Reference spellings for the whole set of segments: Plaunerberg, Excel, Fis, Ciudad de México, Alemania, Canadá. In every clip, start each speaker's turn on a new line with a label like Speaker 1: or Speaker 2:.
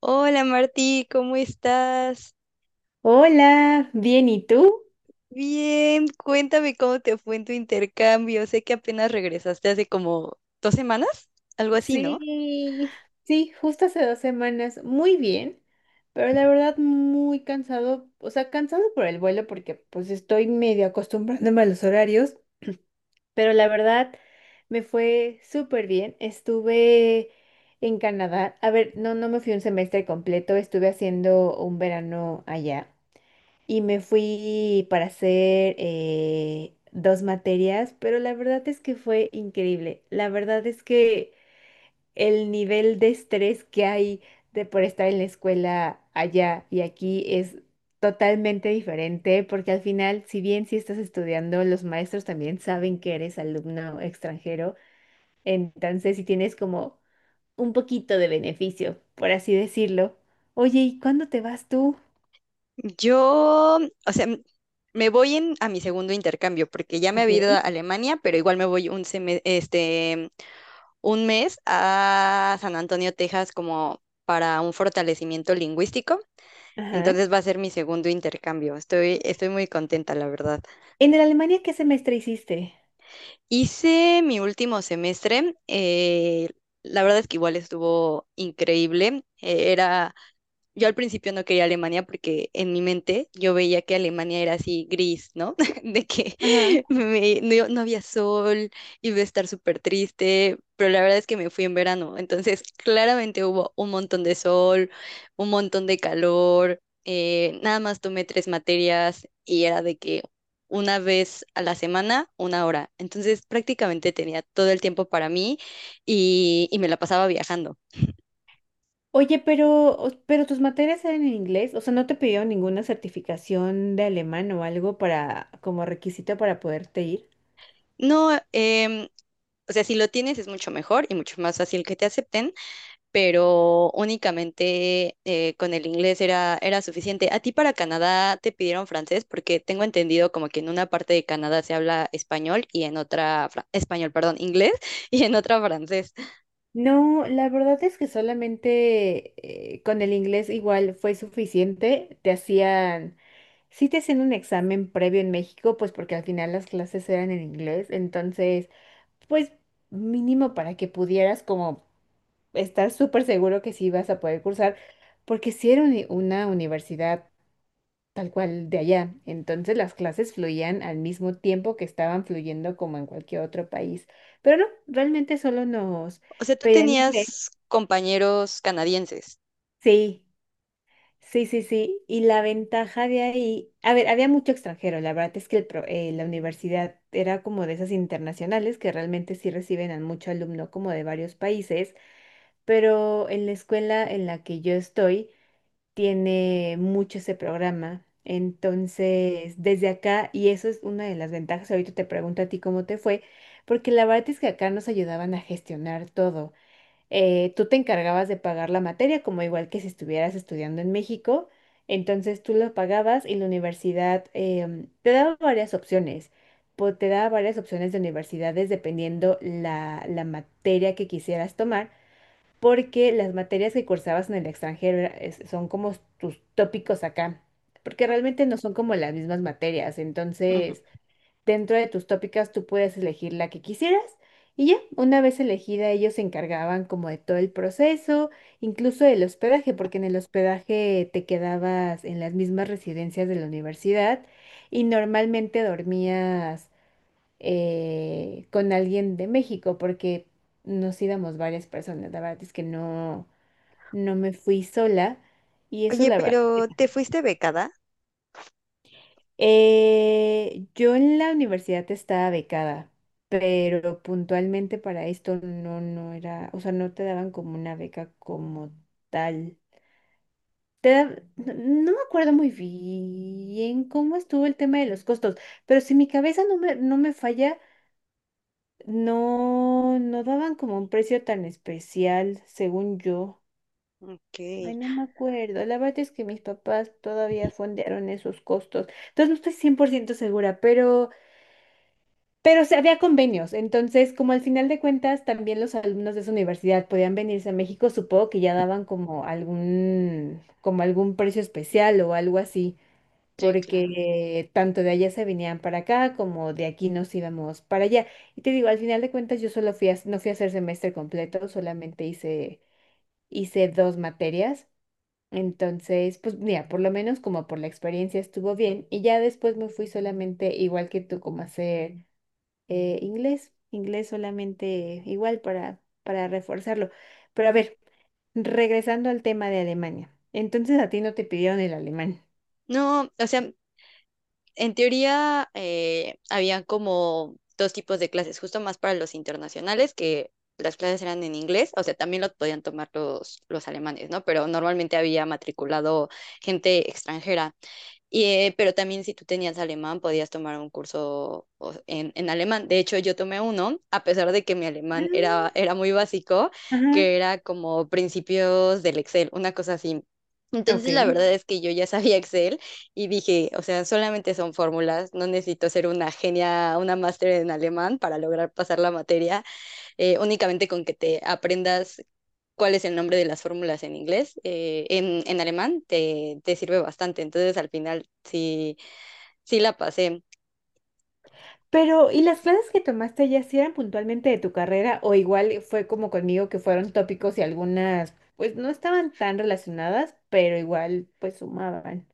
Speaker 1: Hola Martí, ¿cómo estás?
Speaker 2: Hola, bien, ¿y tú?
Speaker 1: Bien, cuéntame cómo te fue en tu intercambio. Sé que apenas regresaste hace como 2 semanas, algo así, ¿no?
Speaker 2: Sí, sí, justo hace 2 semanas, muy bien, pero la verdad muy cansado, o sea, cansado por el vuelo porque pues estoy medio acostumbrándome a los horarios, pero la verdad me fue súper bien. Estuve en Canadá, a ver, no, no me fui un semestre completo, estuve haciendo un verano allá. Y me fui para hacer dos materias, pero la verdad es que fue increíble. La verdad es que el nivel de estrés que hay de por estar en la escuela allá y aquí es totalmente diferente, porque al final, si bien si estás estudiando, los maestros también saben que eres alumno extranjero, entonces si tienes como un poquito de beneficio, por así decirlo. Oye, ¿y cuándo te vas tú?
Speaker 1: Yo, o sea, me voy a mi segundo intercambio porque ya me
Speaker 2: Ok.
Speaker 1: había ido a Alemania, pero igual me voy este, un mes a San Antonio, Texas, como para un fortalecimiento lingüístico.
Speaker 2: Ajá.
Speaker 1: Entonces va a ser mi segundo intercambio. Estoy muy contenta, la verdad.
Speaker 2: En el Alemania, ¿qué semestre hiciste?
Speaker 1: Hice mi último semestre. La verdad es que igual estuvo increíble. Yo al principio no quería Alemania porque en mi mente yo veía que Alemania era así gris, ¿no? De que
Speaker 2: Ajá.
Speaker 1: no, no había sol, iba a estar súper triste, pero la verdad es que me fui en verano. Entonces, claramente hubo un montón de sol, un montón de calor. Nada más tomé tres materias y era de que una vez a la semana, una hora. Entonces prácticamente tenía todo el tiempo para mí y me la pasaba viajando.
Speaker 2: Oye, pero, pero tus materias eran en inglés, o sea, ¿no te pidieron ninguna certificación de alemán o algo para, como requisito para poderte ir?
Speaker 1: No, o sea, si lo tienes es mucho mejor y mucho más fácil que te acepten, pero únicamente con el inglés era suficiente. ¿A ti para Canadá te pidieron francés? Porque tengo entendido como que en una parte de Canadá se habla español y en otra, español, perdón, inglés y en otra francés.
Speaker 2: No, la verdad es que solamente con el inglés igual fue suficiente. Sí te hacían un examen previo en México, pues porque al final las clases eran en inglés, entonces, pues mínimo para que pudieras como estar súper seguro que sí vas a poder cursar, porque sí era una universidad tal cual de allá. Entonces las clases fluían al mismo tiempo que estaban fluyendo como en cualquier otro país. Pero no, realmente solo nos
Speaker 1: O sea, tú
Speaker 2: pedían inglés.
Speaker 1: tenías compañeros canadienses.
Speaker 2: Sí, sí, sí, sí. Y la ventaja de ahí, a ver, había mucho extranjero. La verdad es que la universidad era como de esas internacionales que realmente sí reciben a mucho alumno como de varios países. Pero en la escuela en la que yo estoy, tiene mucho ese programa. Entonces, desde acá, y eso es una de las ventajas, ahorita te pregunto a ti cómo te fue, porque la verdad es que acá nos ayudaban a gestionar todo. Tú te encargabas de pagar la materia, como igual que si estuvieras estudiando en México, entonces tú lo pagabas y la universidad te daba varias opciones. Te daba varias opciones de universidades dependiendo la materia que quisieras tomar porque las materias que cursabas en el extranjero son como tus tópicos acá, porque realmente no son como las mismas materias, entonces dentro de tus tópicas tú puedes elegir la que quisieras y ya, una vez elegida ellos se encargaban como de todo el proceso, incluso del hospedaje, porque en el hospedaje te quedabas en las mismas residencias de la universidad y normalmente dormías con alguien de México, porque nos íbamos varias personas. La verdad es que no, no me fui sola y eso
Speaker 1: Oye,
Speaker 2: la verdad.
Speaker 1: pero ¿te fuiste becada?
Speaker 2: Yo en la universidad estaba becada, pero puntualmente para esto no, no era, o sea, no te daban como una beca como tal. Te da- no no me acuerdo muy bien cómo estuvo el tema de los costos, pero si mi cabeza no me falla, no, no daban como un precio tan especial, según yo.
Speaker 1: Ok,
Speaker 2: Ay, no me acuerdo. La verdad es que mis papás todavía fondearon esos costos. Entonces no estoy 100% segura, pero se había convenios. Entonces, como al final de cuentas también los alumnos de esa universidad podían venirse a México, supongo que ya daban como algún precio especial o algo así
Speaker 1: sí, claro.
Speaker 2: porque tanto de allá se venían para acá como de aquí nos íbamos para allá. Y te digo, al final de cuentas yo solo no fui a hacer semestre completo, solamente hice dos materias. Entonces, pues mira, por lo menos como por la experiencia estuvo bien y ya después me fui solamente igual que tú como a hacer inglés solamente igual para reforzarlo. Pero a ver, regresando al tema de Alemania. Entonces a ti no te pidieron el alemán.
Speaker 1: No, o sea, en teoría había como dos tipos de clases, justo más para los internacionales, que las clases eran en inglés, o sea, también lo podían tomar los alemanes, ¿no? Pero normalmente había matriculado gente extranjera. Y, pero también si tú tenías alemán, podías tomar un curso en alemán. De hecho, yo tomé uno, a pesar de que mi alemán
Speaker 2: Ah,
Speaker 1: era muy básico,
Speaker 2: ajá.
Speaker 1: que era como principios del Excel, una cosa así.
Speaker 2: Ok.
Speaker 1: Entonces, la verdad es que yo ya sabía Excel y dije, o sea, solamente son fórmulas, no necesito ser una genia, una máster en alemán para lograr pasar la materia, únicamente con que te aprendas cuál es el nombre de las fórmulas en inglés, en alemán te sirve bastante. Entonces al final sí, sí la pasé.
Speaker 2: Pero, ¿y las clases que tomaste allá sí eran puntualmente de tu carrera o igual fue como conmigo que fueron tópicos y algunas pues no estaban tan relacionadas, pero igual pues sumaban?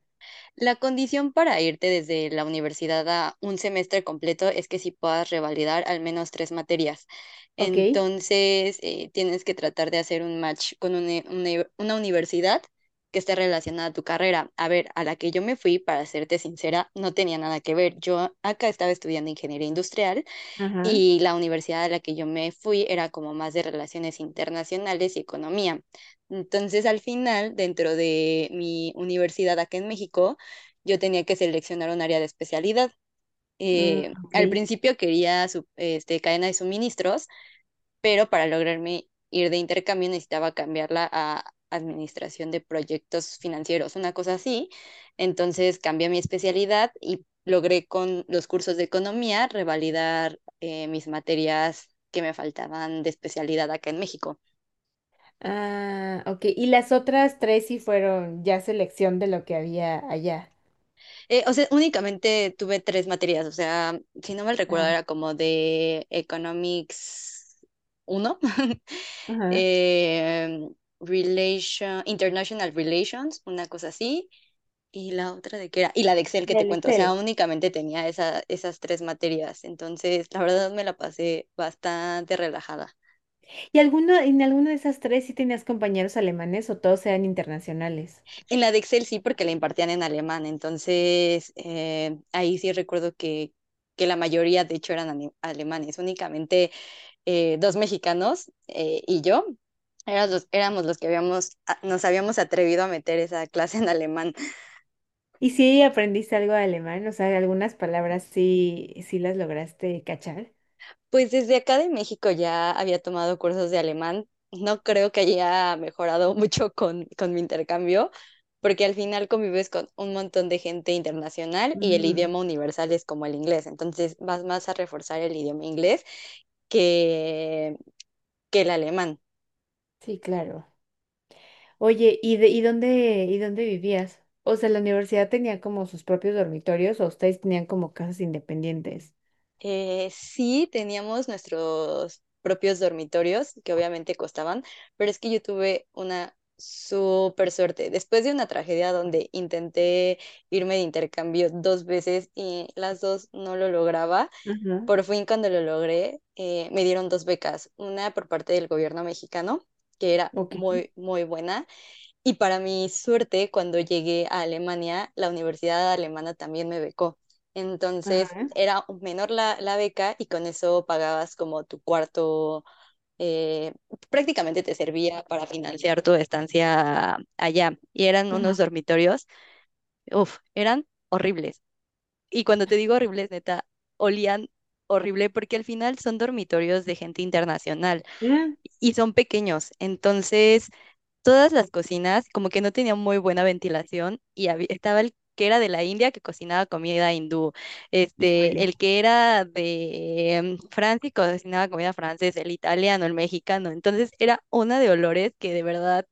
Speaker 1: La condición para irte desde la universidad a un semestre completo es que sí puedas revalidar al menos tres materias.
Speaker 2: Ok,
Speaker 1: Entonces tienes que tratar de hacer un match con una universidad que esté relacionada a tu carrera. A ver, a la que yo me fui, para serte sincera, no tenía nada que ver. Yo acá estaba estudiando ingeniería industrial.
Speaker 2: ajá,
Speaker 1: Y la universidad a la que yo me fui era como más de relaciones internacionales y economía. Entonces, al final, dentro de mi universidad acá en México, yo tenía que seleccionar un área de especialidad.
Speaker 2: mm, ok.
Speaker 1: Al principio quería este, cadena de suministros, pero para lograrme ir de intercambio necesitaba cambiarla a administración de proyectos financieros, una cosa así. Entonces cambié mi especialidad y logré con los cursos de economía revalidar mis materias que me faltaban de especialidad acá en México.
Speaker 2: Ah, ok, y las otras tres sí fueron ya selección de lo que había allá.
Speaker 1: O sea, únicamente tuve tres materias, o sea, si no mal recuerdo,
Speaker 2: Ah,
Speaker 1: era como de Economics uno,
Speaker 2: ajá.
Speaker 1: eh, Relation, International Relations, una cosa así. Y la otra de qué era, y la de Excel que te
Speaker 2: Del
Speaker 1: cuento, o sea,
Speaker 2: Excel.
Speaker 1: únicamente tenía esa, esas tres materias, entonces la verdad me la pasé bastante relajada.
Speaker 2: ¿Y en alguna de esas tres sí tenías compañeros alemanes o todos eran internacionales?
Speaker 1: En la de Excel sí, porque la impartían en alemán, entonces ahí sí recuerdo que la mayoría de hecho eran alemanes, únicamente dos mexicanos y yo, éramos los que habíamos, nos habíamos atrevido a meter esa clase en alemán.
Speaker 2: ¿Y si aprendiste algo de alemán? O sea, algunas palabras sí, sí las lograste cachar.
Speaker 1: Pues desde acá de México ya había tomado cursos de alemán. No creo que haya mejorado mucho con mi intercambio, porque al final convives con un montón de gente internacional y el
Speaker 2: Mm,
Speaker 1: idioma universal es como el inglés. Entonces vas más a reforzar el idioma inglés que, que el alemán.
Speaker 2: sí, claro. Oye, ¿y dónde vivías? O sea, la universidad tenía como sus propios dormitorios o ustedes tenían como casas independientes.
Speaker 1: Sí, teníamos nuestros propios dormitorios, que obviamente costaban, pero es que yo tuve una súper suerte. Después de una tragedia donde intenté irme de intercambio dos veces y las dos no lo lograba,
Speaker 2: Ajá.
Speaker 1: por fin cuando lo logré, me dieron dos becas, una por parte del gobierno mexicano, que era
Speaker 2: Ok.
Speaker 1: muy, muy buena. Y para mi suerte, cuando llegué a Alemania, la universidad alemana también me becó. Entonces
Speaker 2: Ajá.
Speaker 1: era menor la beca y con eso pagabas como tu cuarto, eh, prácticamente te servía para financiar tu estancia allá. Y eran unos
Speaker 2: Ajá.
Speaker 1: dormitorios, uff, eran horribles. Y cuando te digo horribles, neta, olían horrible porque al final son dormitorios de gente internacional
Speaker 2: Mm.
Speaker 1: y son pequeños. Entonces todas las cocinas como que no tenían muy buena ventilación y estaba el que era de la India que cocinaba comida hindú, este,
Speaker 2: Híjole.
Speaker 1: el que era de Francia y cocinaba comida francesa, el italiano, el mexicano. Entonces era una de olores que de verdad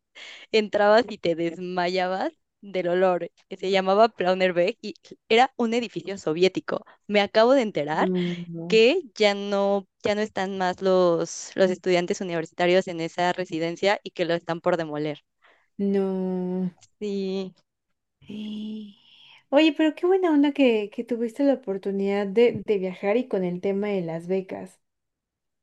Speaker 1: entrabas y te desmayabas del olor, que se llamaba Plaunerberg y era un edificio soviético. Me acabo de enterar
Speaker 2: No.
Speaker 1: que ya no, ya no están más los estudiantes universitarios en esa residencia y que lo están por demoler.
Speaker 2: No.
Speaker 1: Sí,
Speaker 2: Eh, Oye, pero qué buena onda que tuviste la oportunidad de viajar y con el tema de las becas.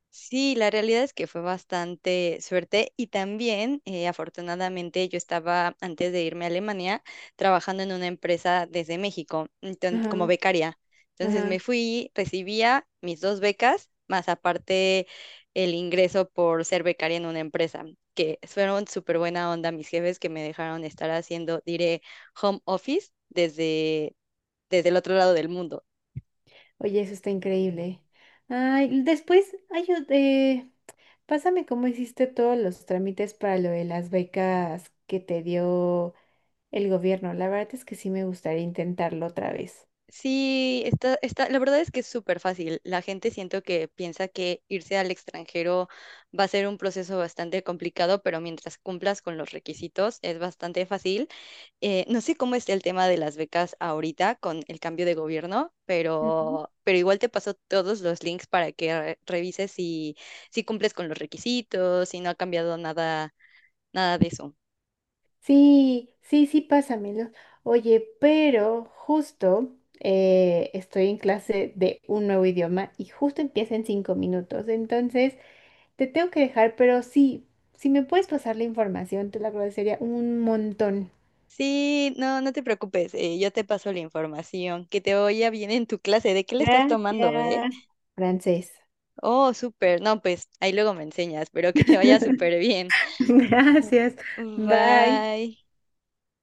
Speaker 1: sí, la realidad es que fue bastante suerte y también afortunadamente yo estaba antes de irme a Alemania trabajando en una empresa desde México, como
Speaker 2: Ajá,
Speaker 1: becaria. Entonces me
Speaker 2: ajá.
Speaker 1: fui, recibía mis dos becas, más aparte el ingreso por ser becaria en una empresa, que fueron súper buena onda mis jefes que me dejaron estar haciendo, diré, home office desde el otro lado del mundo.
Speaker 2: Oye, eso está increíble. Ay, después, ay, pásame cómo hiciste todos los trámites para lo de las becas que te dio el gobierno. La verdad es que sí me gustaría intentarlo otra vez.
Speaker 1: Sí, está, la verdad es que es súper fácil. La gente siento que piensa que irse al extranjero va a ser un proceso bastante complicado, pero mientras cumplas con los requisitos es bastante fácil. No sé cómo está el tema de las becas ahorita con el cambio de gobierno,
Speaker 2: Ujú.
Speaker 1: pero igual te paso todos los links para que revises si cumples con los requisitos, si no ha cambiado nada, nada de eso.
Speaker 2: Sí, sí, sí, pásamelo. Oye, pero justo estoy en clase de un nuevo idioma y justo empieza en 5 minutos. Entonces, te tengo que dejar, pero sí, si me puedes pasar la información, te lo agradecería un montón.
Speaker 1: Sí, no, no te preocupes, yo te paso la información, que te vaya bien en tu clase, ¿de qué le estás tomando, eh?
Speaker 2: Gracias. Francés.
Speaker 1: Oh, súper, no, pues ahí luego me enseñas, pero que te vaya súper bien.
Speaker 2: Gracias. Bye.
Speaker 1: Bye.